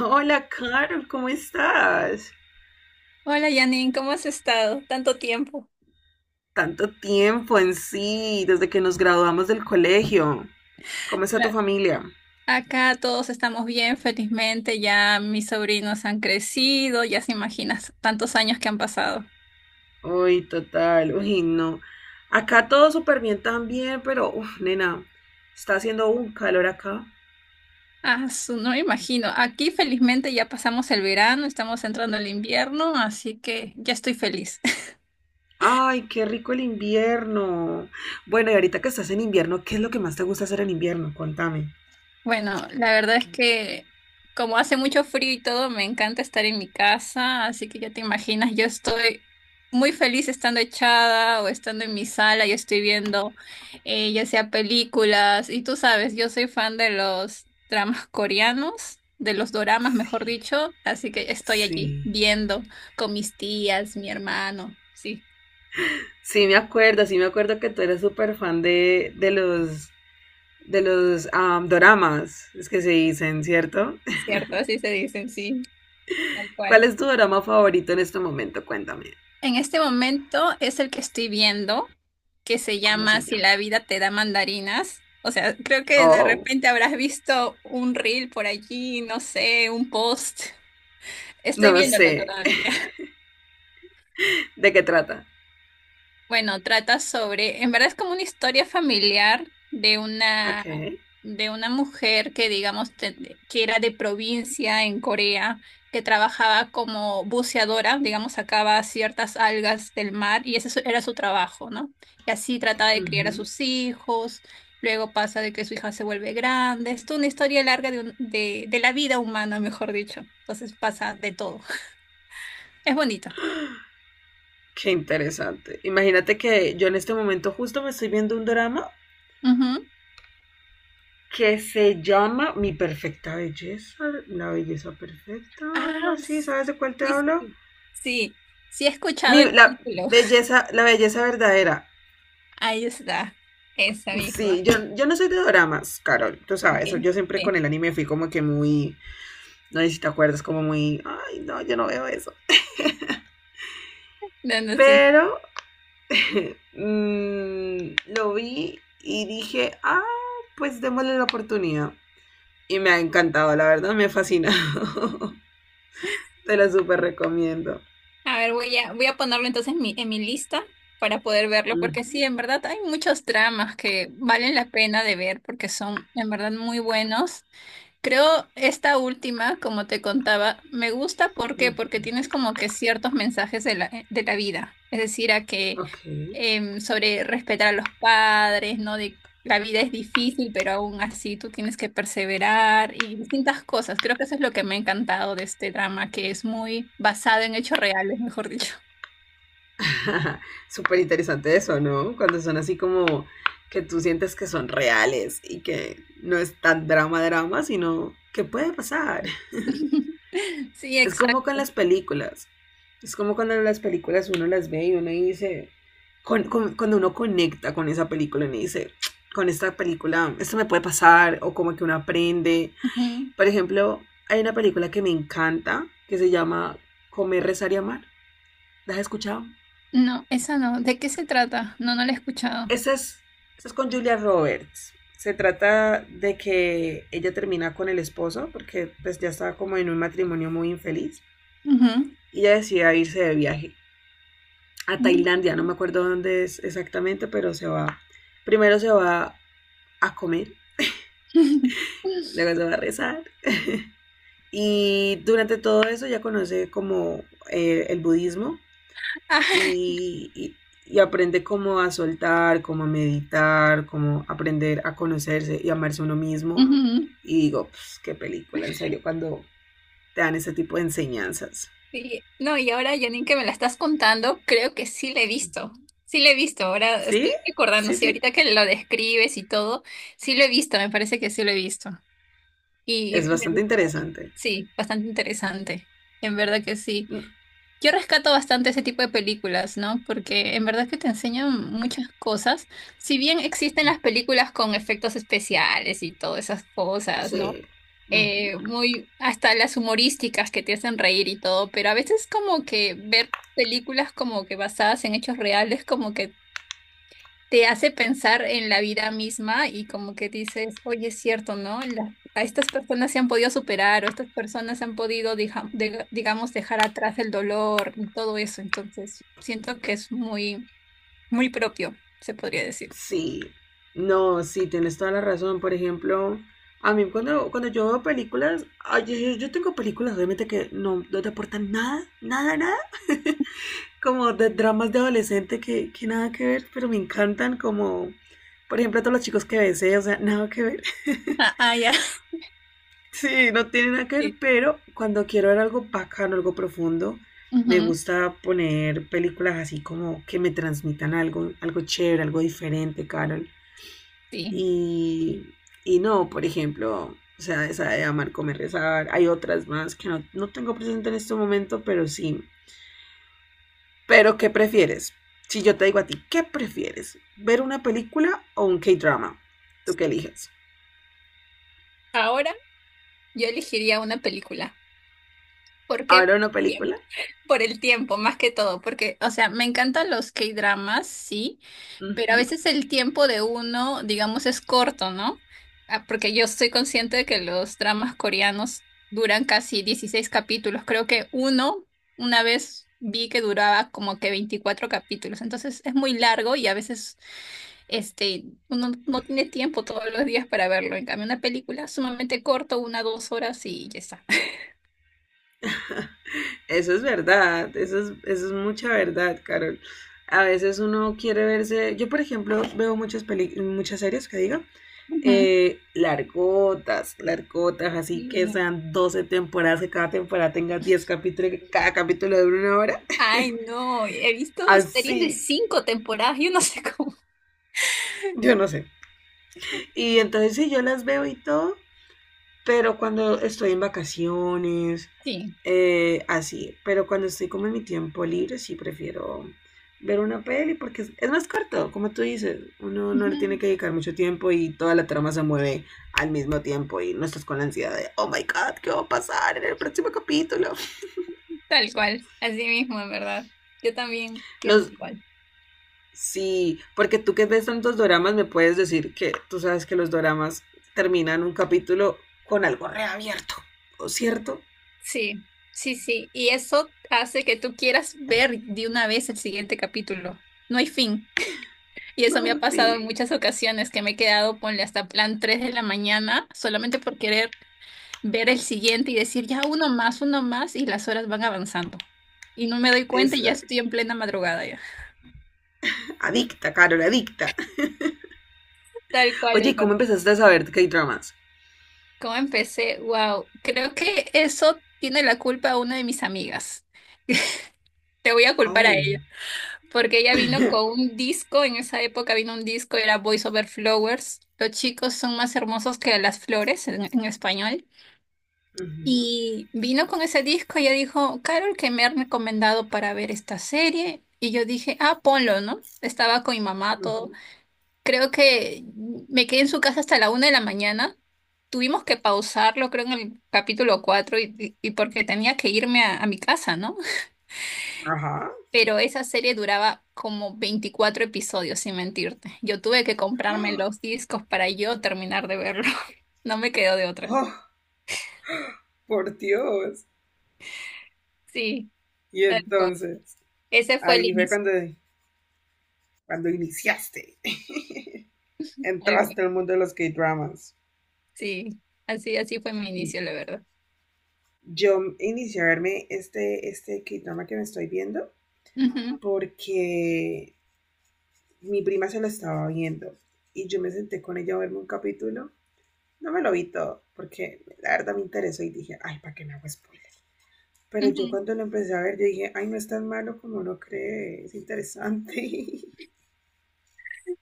Hola, Carol, ¿cómo estás? Hola Janine, ¿cómo has estado? Tanto tiempo. Tanto tiempo en sí, desde que nos graduamos del colegio. ¿Cómo está tu La- familia? Acá todos estamos bien, felizmente. Ya mis sobrinos han crecido, ya se imaginas tantos años que han pasado. Uy, total, uy, no. Acá todo súper bien también, pero, uf, nena, está haciendo un calor acá. Ah, no me imagino. Aquí felizmente ya pasamos el verano, estamos entrando al invierno, así que ya estoy feliz. Ay, qué rico el invierno. Bueno, y ahorita que estás en invierno, ¿qué es lo que más te gusta hacer en invierno? Contame. Bueno, la verdad es que como hace mucho frío y todo, me encanta estar en mi casa, así que ya te imaginas, yo estoy muy feliz estando echada o estando en mi sala y estoy viendo ya sea películas, y tú sabes, yo soy fan de los dramas coreanos, de los doramas, mejor Sí, dicho, así que estoy allí sí. viendo con mis tías, mi hermano, sí, Sí me acuerdo que tú eres súper fan de los doramas, es que se dicen, ¿cierto? cierto, así se dicen, sí, tal ¿Cuál cual. es tu dorama favorito en este momento? Cuéntame. En este momento es el que estoy viendo, que se ¿Cómo llama se Si llama? la vida te da mandarinas. O sea, creo que de Oh, repente habrás visto un reel por allí, no sé, un post. Estoy no viéndolo sé. todavía. ¿De qué trata? Bueno, trata sobre, en verdad es como una historia familiar Ok. de una mujer que digamos que era de provincia en Corea, que trabajaba como buceadora, digamos, sacaba ciertas algas del mar y ese era su trabajo, ¿no? Y así trataba de criar a Ujú. sus hijos, luego pasa de que su hija se vuelve grande, es toda una historia larga de, de la vida humana, mejor dicho, entonces pasa de todo. Es bonito. Qué interesante. Imagínate que yo en este momento justo me estoy viendo un drama que se llama Mi Perfecta Belleza, la belleza perfecta, algo Ah, así. ¿Sabes de cuál te sí, hablo? sí, sí, sí he escuchado Mi, el la título. la belleza verdadera. Ahí está, esa misma. Sí, yo no soy de doramas, Carol, tú Ok, sabes, yo siempre con sí. el anime fui como que muy, no sé si te acuerdas, como muy, ay, no, yo no veo eso. No, no, sí. Pero lo vi y dije, ah, pues démosle la oportunidad. Y me ha encantado, la verdad, me fascina. Te lo súper recomiendo. A ver, voy a ponerlo entonces en en mi lista para poder verlo, Ujú, porque sí, en verdad hay muchos dramas que valen la pena de ver porque son en verdad muy buenos. Creo esta última, como te contaba, me gusta ¿por qué? Porque tienes ujú. como que ciertos mensajes de de la vida, es decir, a que Ok. Sobre respetar a los padres, ¿no? De la vida es difícil, pero aún así tú tienes que perseverar y distintas cosas. Creo que eso es lo que me ha encantado de este drama, que es muy basado en hechos reales, mejor dicho. Súper interesante eso, ¿no? Cuando son así como que tú sientes que son reales y que no es tan drama drama, sino que puede pasar. Sí, Es como con exacto. las películas. Es como cuando las películas uno las ve y uno dice, cuando uno conecta con esa película, uno dice, con esta película, esto me puede pasar, o como que uno aprende. Ujú. Por ejemplo, hay una película que me encanta, que se llama Comer, Rezar y Amar. ¿La has escuchado? No, esa no. ¿De qué se trata? No, no la he escuchado. Esa es, esa es con Julia Roberts. Se trata de que ella termina con el esposo porque pues ya estaba como en un matrimonio muy infeliz Ujú. y ella decide irse de viaje a Tailandia, no me acuerdo dónde es exactamente, pero se va, primero se va a comer, luego se va a rezar y durante todo eso ya conoce como el budismo Ah, y, y aprende como a soltar, como a meditar, como aprender a conocerse y amarse uno mismo. Ujú. Y digo, pues, qué película, en serio, cuando te dan ese tipo de enseñanzas. Sí. No, y ahora, Janine, que me la estás contando, creo que sí la he visto. Sí la he visto, ahora ¿Sí? estoy recordando, Sí, sí, sí. ahorita que lo describes y todo, sí lo he visto, me parece que sí lo he visto. Y Es me bastante gustó. interesante. Sí, bastante interesante. En verdad que sí. Yo rescato bastante ese tipo de películas, ¿no? Porque en verdad que te enseñan muchas cosas. Si bien existen las películas con efectos especiales y todas esas cosas, ¿no? Sí. Muy, hasta las humorísticas que te hacen reír y todo, pero a veces como que ver películas como que basadas en hechos reales, como que te hace pensar en la vida misma y como que dices, oye, es cierto, ¿no? A estas personas se han podido superar o estas personas han podido, digamos, dejar atrás el dolor y todo eso, entonces siento que es muy, muy propio, se podría decir. Sí. No, sí, tienes toda la razón. Por ejemplo, a mí cuando yo veo películas, ay, yo tengo películas obviamente que no te aportan nada, nada, nada. Como de dramas de adolescente que nada que ver, pero me encantan como, por ejemplo, todos los chicos que besé, o sea, nada que ver. Ah, ah, ya. Sí, no tiene nada que ver, Sí. pero cuando quiero ver algo bacano, algo profundo, me Ujú, gusta poner películas así como que me transmitan algo, algo chévere, algo diferente, Carol. sí. Y, y no, por ejemplo, o sea, esa de amar, comer, rezar. Hay otras más que no tengo presente en este momento, pero sí. Pero, ¿qué prefieres? Si yo te digo a ti, ¿qué prefieres? ¿Ver una película o un K-drama? ¿Tú qué eliges? Ahora yo elegiría una película. ¿Por qué? ¿Ahora una película? Por el tiempo, más que todo, porque, o sea, me encantan los K-dramas, sí, pero a Ujú. veces el tiempo de uno, digamos, es corto, ¿no? Ah, porque yo estoy consciente de que los dramas coreanos duran casi 16 capítulos. Creo que uno, una vez vi que duraba como que 24 capítulos. Entonces es muy largo y a veces este, uno no tiene tiempo todos los días para verlo. En cambio, una película sumamente corto, una, dos horas y ya está. Eso es verdad, eso es mucha verdad, Carol. A veces uno quiere verse, yo por ejemplo veo muchas muchas series que digo, largotas, largotas, así que Ujú. sean 12 temporadas, que cada temporada tenga 10 capítulos, que cada capítulo dure 1 hora, Ay, no, he visto series de así, 5 temporadas, yo no sé cómo. yo no sé. Y entonces si yo las veo y todo, pero cuando estoy en vacaciones, Sí. Así. Pero cuando estoy como en mi tiempo libre, sí prefiero ver una peli porque es más corto, como tú dices. Uno no le tiene Ujú, que dedicar mucho tiempo y toda la trama se mueve al mismo tiempo y no estás con la ansiedad de, oh my god, ¿qué va a pasar en el próximo capítulo? tal cual, así mismo, en verdad. Yo también pienso Los, igual. sí, porque tú que ves tantos doramas me puedes decir que tú sabes que los doramas terminan un capítulo con algo reabierto, ¿o cierto? Sí, sí, sí. Y eso hace que tú quieras ver de una vez el siguiente capítulo. No hay fin. Y eso No, me ha en pasado en fin, muchas ocasiones que me he quedado, ponle hasta plan 3 de la mañana, solamente por querer ver el siguiente y decir ya uno más, y las horas van avanzando. Y no me doy cuenta y es, ya estoy en plena madrugada ya. adicta, Carol, adicta. Tal cual. Oye, ¿cómo empezaste a saber K-dramas? ¿Cómo empecé? Wow, creo que eso tiene la culpa una de mis amigas. Te voy a culpar a Oh. ella, porque ella vino con un disco, en esa época vino un disco, era Voice Over Flowers. Los chicos son más hermosos que las flores en español. Ujú, Y vino con ese disco y ella dijo, Carol, que me han recomendado para ver esta serie. Y yo dije, ah, ponlo, ¿no? Estaba con mi mamá, todo. ujú. Creo que me quedé en su casa hasta la una de la mañana. Tuvimos que pausarlo, creo, en el capítulo 4 y porque tenía que irme a mi casa, ¿no? Ajá. Pero esa serie duraba como 24 episodios, sin mentirte. Yo tuve que comprarme los discos para yo terminar de verlo. No me quedó de otra. Oh, por Dios. Sí, Y tal cual. entonces, Ese fue el ahí fue inicio. cuando iniciaste. Tal cual. Entraste al mundo de los K-dramas. Sí, así, así fue mi inicio, la verdad. Yo inicié a verme este K-drama que me estoy viendo Ujú, porque mi prima se lo estaba viendo y yo me senté con ella a verme un capítulo. No me lo vi todo, porque la verdad me interesó y dije, ay, ¿para qué me hago spoiler? Pero yo ujú. cuando lo empecé a ver, yo dije, ay, no es tan malo como no cree, es interesante.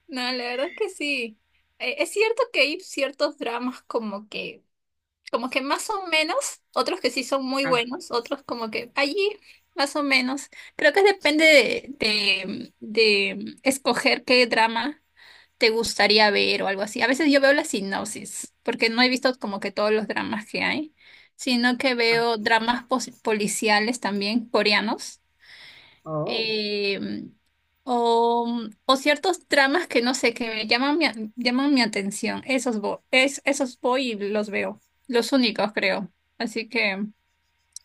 No, la verdad es que sí. Es cierto que hay ciertos dramas como que más o menos, otros que sí son muy Ah, buenos, otros como que allí más o menos. Creo que depende de, de escoger qué drama te gustaría ver o algo así. A veces yo veo la sinopsis, porque no he visto como que todos los dramas que hay, sino que ah, veo dramas policiales también coreanos oh, eh, o, o ciertos dramas que no sé, que me llaman mi, llaman mi atención. Esos voy, es, esos voy y los veo. Los únicos, creo. Así que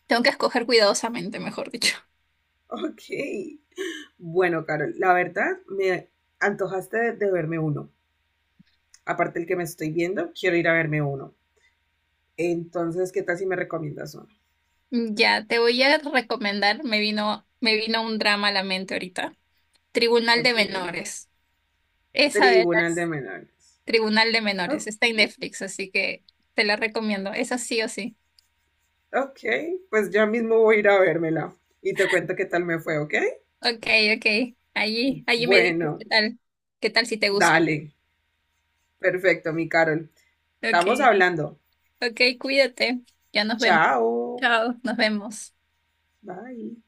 tengo que escoger cuidadosamente, mejor dicho. ok. Bueno, Carol, la verdad me antojaste de verme uno. Aparte el que me estoy viendo, quiero ir a verme uno. Entonces, ¿qué tal si me recomiendas uno? Ya, te voy a recomendar, me vino un drama a la mente ahorita. Tribunal de Ok. Menores. Esa de Tribunal de las Menores. Tribunal de Menores. Ok, Está en Netflix, así que te la recomiendo. Esa sí o sí. ok. Pues ya mismo voy a ir a vérmela y te cuento qué tal me fue, ¿ok? Ok, ok. Allí, allí me dices Bueno, qué tal si te gusta. dale. Perfecto, mi Carol. Ok, Estamos hablando. ok, cuídate. Ya nos vemos. Chao. Chao, nos vemos. Bye.